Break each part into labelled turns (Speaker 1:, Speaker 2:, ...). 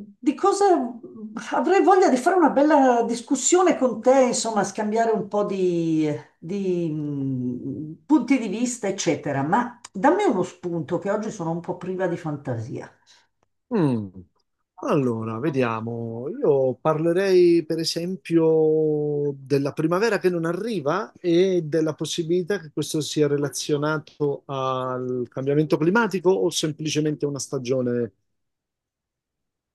Speaker 1: Di cosa avrei voglia di fare una bella discussione con te, insomma, scambiare un po' di, punti di vista, eccetera. Ma dammi uno spunto che oggi sono un po' priva di fantasia.
Speaker 2: Mm, Allora, vediamo. Io parlerei per esempio della primavera che non arriva e della possibilità che questo sia relazionato al cambiamento climatico o semplicemente una stagione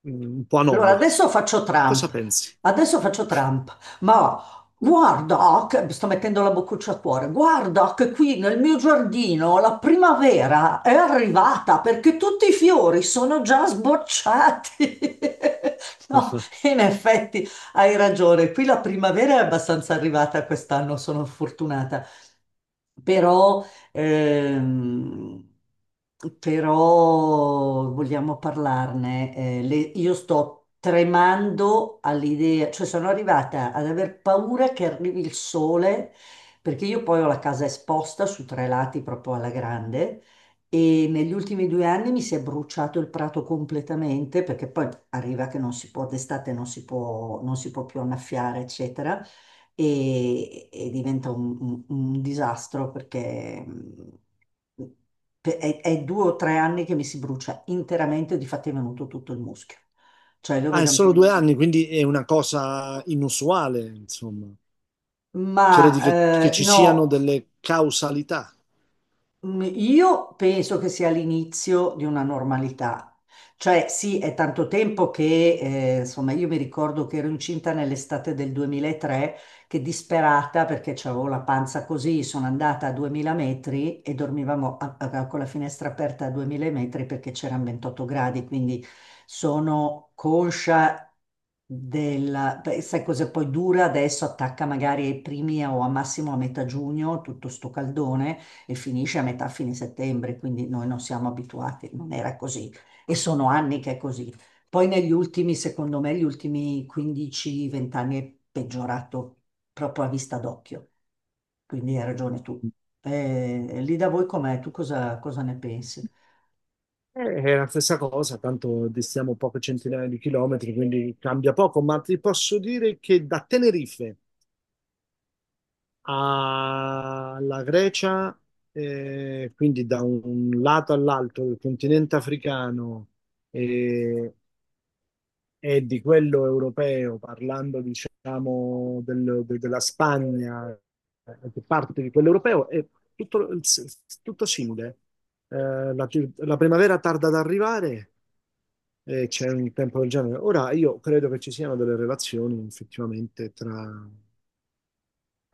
Speaker 2: un po'
Speaker 1: Allora,
Speaker 2: anomala. Cosa pensi?
Speaker 1: Adesso faccio Trump, ma guarda, che, mi sto mettendo la boccuccia a cuore, guarda che qui nel mio giardino la primavera è arrivata perché tutti i fiori sono già sbocciati. No, in effetti hai ragione, qui la primavera è abbastanza arrivata quest'anno, sono fortunata. Però Ehm, Però vogliamo parlarne. Io sto tremando all'idea, cioè sono arrivata ad aver paura che arrivi il sole, perché io poi ho la casa esposta su tre lati proprio alla grande. E negli ultimi due anni mi si è bruciato il prato completamente perché poi arriva che non si può, d'estate non si può, non si può più annaffiare, eccetera e diventa un disastro perché è due o tre anni che mi si brucia interamente, difatti è venuto tutto il muschio. Cioè lo
Speaker 2: Ah, è
Speaker 1: vedo
Speaker 2: solo
Speaker 1: anche...
Speaker 2: due anni, quindi è una cosa inusuale, insomma.
Speaker 1: Ma
Speaker 2: Credi che ci
Speaker 1: no.
Speaker 2: siano delle causalità?
Speaker 1: Io penso che sia l'inizio di una normalità. Cioè, sì, è tanto tempo che, insomma, io mi ricordo che ero incinta nell'estate del 2003, che disperata perché avevo la panza così, sono andata a 2000 metri e dormivamo con la finestra aperta a 2000 metri perché c'erano 28 gradi, quindi sono conscia della... Beh, sai cosa poi dura adesso? Attacca magari ai primi o a massimo a metà giugno, tutto sto caldone e finisce a metà fine settembre, quindi noi non siamo abituati, non era così e sono anni che è così. Poi negli ultimi, secondo me, gli ultimi 15-20 anni è peggiorato proprio a vista d'occhio, quindi hai ragione tu. Lì da voi com'è? Tu cosa ne pensi?
Speaker 2: È la stessa cosa, tanto distiamo poche centinaia di chilometri, quindi cambia poco, ma ti posso dire che da Tenerife alla Grecia, quindi da un lato all'altro del continente africano eh, e di quello europeo, parlando diciamo della Spagna, che parte di quello europeo, è tutto, tutto simile. La, la primavera tarda ad arrivare e c'è un tempo del genere. Ora, io credo che ci siano delle relazioni effettivamente tra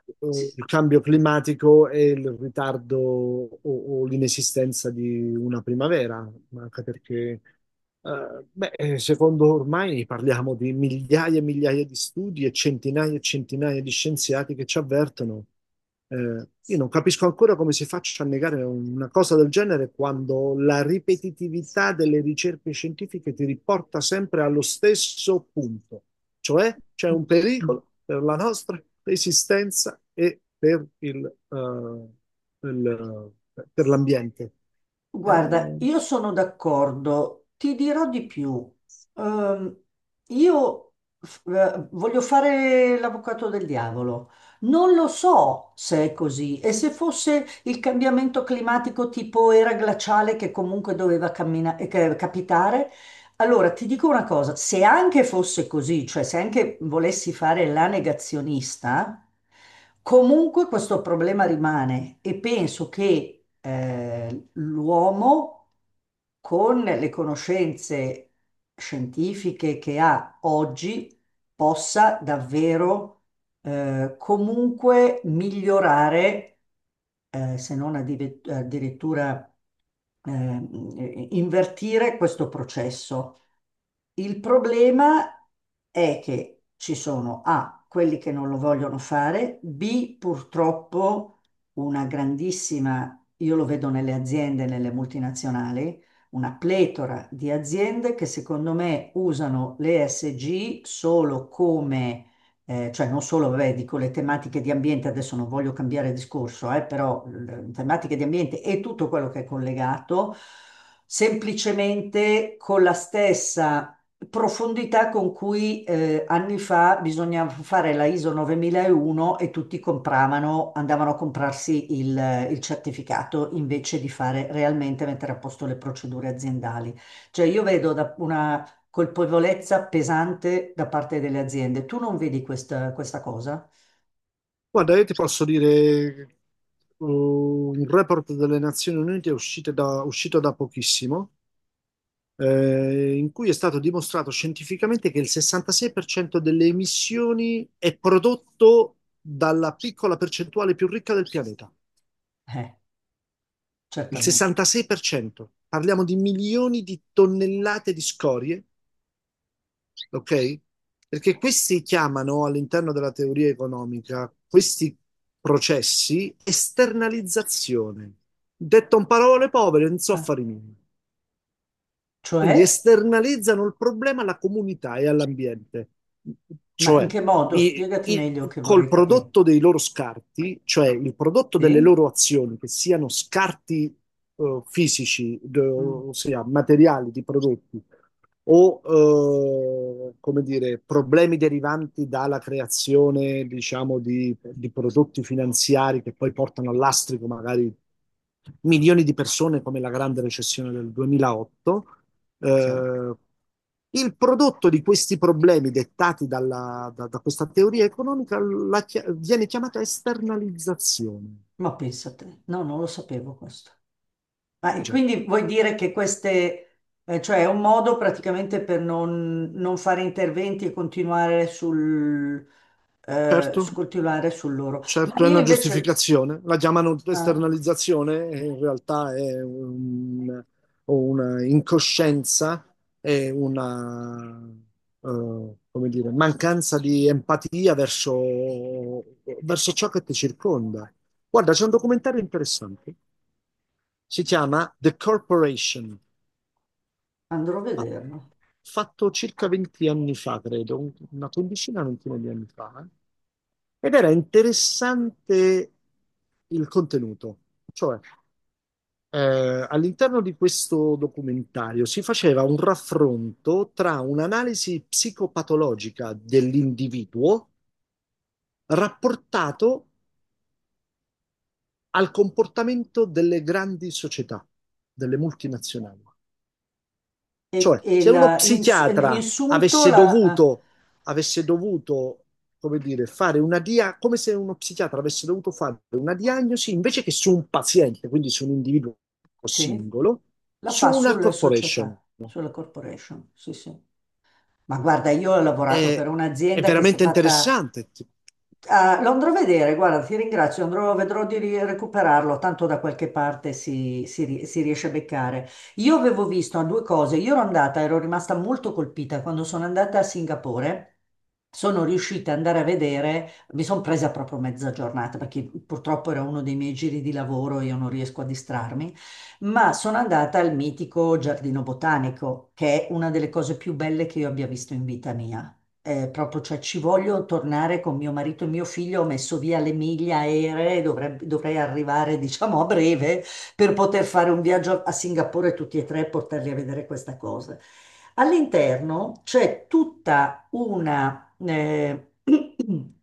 Speaker 1: Sì.
Speaker 2: il cambio climatico e il ritardo o l'inesistenza di una primavera, ma anche perché, beh, secondo ormai parliamo di migliaia e migliaia di studi e centinaia di scienziati che ci avvertono. Eh, io non capisco ancora come si faccia a negare una cosa del genere quando la ripetitività delle ricerche scientifiche ti riporta sempre allo stesso punto, cioè c'è un pericolo per la nostra esistenza e per per l'ambiente.
Speaker 1: Guarda,
Speaker 2: Eh,
Speaker 1: io sono d'accordo, ti dirò di più. Ehm, io Voglio fare l'avvocato del diavolo. Non lo so se è così e se fosse il cambiamento climatico tipo era glaciale che comunque doveva capitare. Allora, ti dico una cosa, se anche fosse così, cioè se anche volessi fare la negazionista, comunque questo problema rimane e penso che l'uomo con le conoscenze scientifiche che ha oggi possa davvero comunque migliorare se non addive- addirittura invertire questo processo. Il problema è che ci sono A, quelli che non lo vogliono fare, B, purtroppo una grandissima, io lo vedo nelle aziende, nelle multinazionali, una pletora di aziende che secondo me usano le ESG solo come cioè non solo, vabbè, dico le tematiche di ambiente, adesso non voglio cambiare discorso, però le tematiche di ambiente e tutto quello che è collegato, semplicemente con la stessa profondità con cui anni fa bisognava fare la ISO 9001 e tutti compravano, andavano a comprarsi il certificato invece di fare realmente mettere a posto le procedure aziendali. Cioè io vedo da una colpevolezza pesante da parte delle aziende. Tu non vedi questa cosa?
Speaker 2: Guarda, io ti posso dire un report delle Nazioni Unite uscito da pochissimo, in cui è stato dimostrato scientificamente che il 66% delle emissioni è prodotto dalla piccola percentuale più ricca del pianeta.
Speaker 1: Eh,
Speaker 2: Il
Speaker 1: certamente.
Speaker 2: 66%, parliamo di milioni di tonnellate di scorie, ok? Perché questi chiamano all'interno della teoria economica questi processi esternalizzazione. Detto in parole povere, non so
Speaker 1: Eh.
Speaker 2: fare niente.
Speaker 1: Cioè,
Speaker 2: Quindi esternalizzano il problema alla comunità e all'ambiente.
Speaker 1: ma in
Speaker 2: Cioè,
Speaker 1: che modo?
Speaker 2: i,
Speaker 1: Spiegati
Speaker 2: i-
Speaker 1: meglio che
Speaker 2: col
Speaker 1: vorrei capire.
Speaker 2: prodotto dei loro scarti, cioè il prodotto delle
Speaker 1: Sì?
Speaker 2: loro azioni, che siano scarti fisici,
Speaker 1: Mm,
Speaker 2: ossia materiali di prodotti, o come dire, problemi derivanti dalla creazione, diciamo, di prodotti finanziari che poi portano all'astrico magari milioni di persone come la grande recessione del 2008,
Speaker 1: sì.
Speaker 2: eh, il prodotto di questi problemi dettati da questa teoria economica viene chiamata esternalizzazione.
Speaker 1: Ma pensate, no, non lo sapevo questo. Ah,
Speaker 2: Eh
Speaker 1: e
Speaker 2: già,
Speaker 1: quindi vuoi dire che queste, cioè è un modo praticamente per non, non fare interventi e continuare
Speaker 2: certo,
Speaker 1: continuare sul loro. Ma
Speaker 2: certo è
Speaker 1: io
Speaker 2: una
Speaker 1: invece,
Speaker 2: giustificazione. La chiamano
Speaker 1: ah,
Speaker 2: esternalizzazione, e in realtà è una incoscienza, è una, come dire, mancanza di empatia verso verso ciò che ti circonda. Guarda, c'è un documentario interessante. Si chiama The Corporation.
Speaker 1: andrò a
Speaker 2: Fa-
Speaker 1: vederlo.
Speaker 2: Fatto circa 20 anni fa, credo, una quindicina, ventina di anni fa. Ed era interessante il contenuto. Cioè, all'interno di questo documentario si faceva un raffronto tra un'analisi psicopatologica dell'individuo rapportato al comportamento delle grandi società, delle multinazionali.
Speaker 1: e,
Speaker 2: Cioè,
Speaker 1: e
Speaker 2: se uno
Speaker 1: la, in, In
Speaker 2: psichiatra
Speaker 1: sunto la,
Speaker 2: avesse dovuto, come dire, come se uno psichiatra avesse dovuto fare una diagnosi invece che su un paziente, quindi su un individuo
Speaker 1: sì,
Speaker 2: singolo,
Speaker 1: la
Speaker 2: su
Speaker 1: fa
Speaker 2: una
Speaker 1: sulle
Speaker 2: corporation.
Speaker 1: società, sulla corporation. Sì, sì. Ma guarda, io ho lavorato per
Speaker 2: È, è
Speaker 1: un'azienda che si è
Speaker 2: veramente
Speaker 1: fatta.
Speaker 2: interessante.
Speaker 1: Ah, lo andrò a vedere, guarda, ti ringrazio, andrò, vedrò di recuperarlo, tanto da qualche parte si riesce a beccare. Io avevo visto ah, due cose, io ero andata, ero rimasta molto colpita quando sono andata a Singapore. Sono riuscita ad andare a vedere, mi sono presa proprio mezza giornata perché purtroppo era uno dei miei giri di lavoro, io non riesco a distrarmi, ma sono andata al mitico Giardino Botanico, che è una delle cose più belle che io abbia visto in vita mia. Proprio, cioè, ci voglio tornare con mio marito e mio figlio. Ho messo via le miglia aeree, dovrei arrivare, diciamo, a breve per poter fare un viaggio a Singapore tutti e tre e portarli a vedere questa cosa. All'interno c'è tutta una,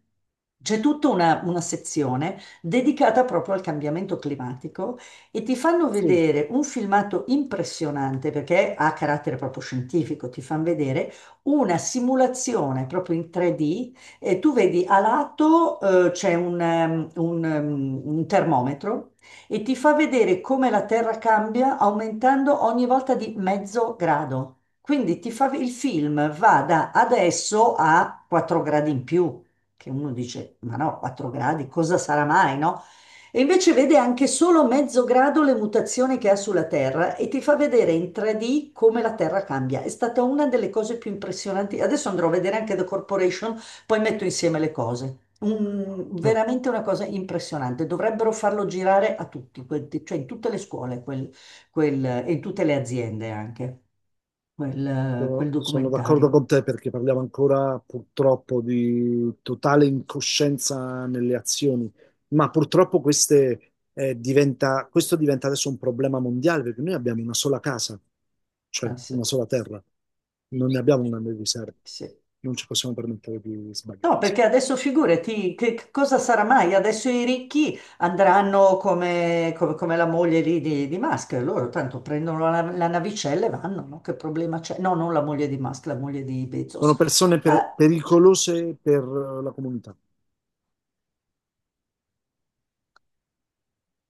Speaker 1: c'è tutta una sezione dedicata proprio al cambiamento climatico e ti fanno
Speaker 2: Sì.
Speaker 1: vedere un filmato impressionante perché ha carattere proprio scientifico, ti fanno vedere una simulazione proprio in 3D e tu vedi a lato c'è un termometro e ti fa vedere come la Terra cambia aumentando ogni volta di mezzo grado. Quindi ti fa, il film va da adesso a 4 gradi in più, che uno dice, ma no, 4 gradi, cosa sarà mai, no? E invece vede anche solo mezzo grado le mutazioni che ha sulla Terra e ti fa vedere in 3D come la Terra cambia. È stata una delle cose più impressionanti. Adesso andrò a vedere anche The Corporation, poi metto insieme le cose. Veramente una cosa impressionante. Dovrebbero farlo girare a tutti, cioè in tutte le scuole e in tutte le aziende anche, quel
Speaker 2: Sono d'accordo
Speaker 1: documentario.
Speaker 2: con te perché parliamo ancora purtroppo di totale incoscienza nelle azioni, ma purtroppo queste, questo diventa adesso un problema mondiale perché noi abbiamo una sola casa, cioè
Speaker 1: Ah, sì,
Speaker 2: una sola terra, non ne abbiamo una di riserva,
Speaker 1: sì.
Speaker 2: non ci possiamo permettere di
Speaker 1: No,
Speaker 2: sbagliarsi.
Speaker 1: perché adesso figurati, che cosa sarà mai? Adesso i ricchi andranno come la moglie lì di Musk, loro tanto prendono la navicella e vanno, no? Che problema c'è? No, non la moglie di Musk, la moglie di
Speaker 2: Sono
Speaker 1: Bezos.
Speaker 2: persone
Speaker 1: Eh,
Speaker 2: pericolose per la comunità.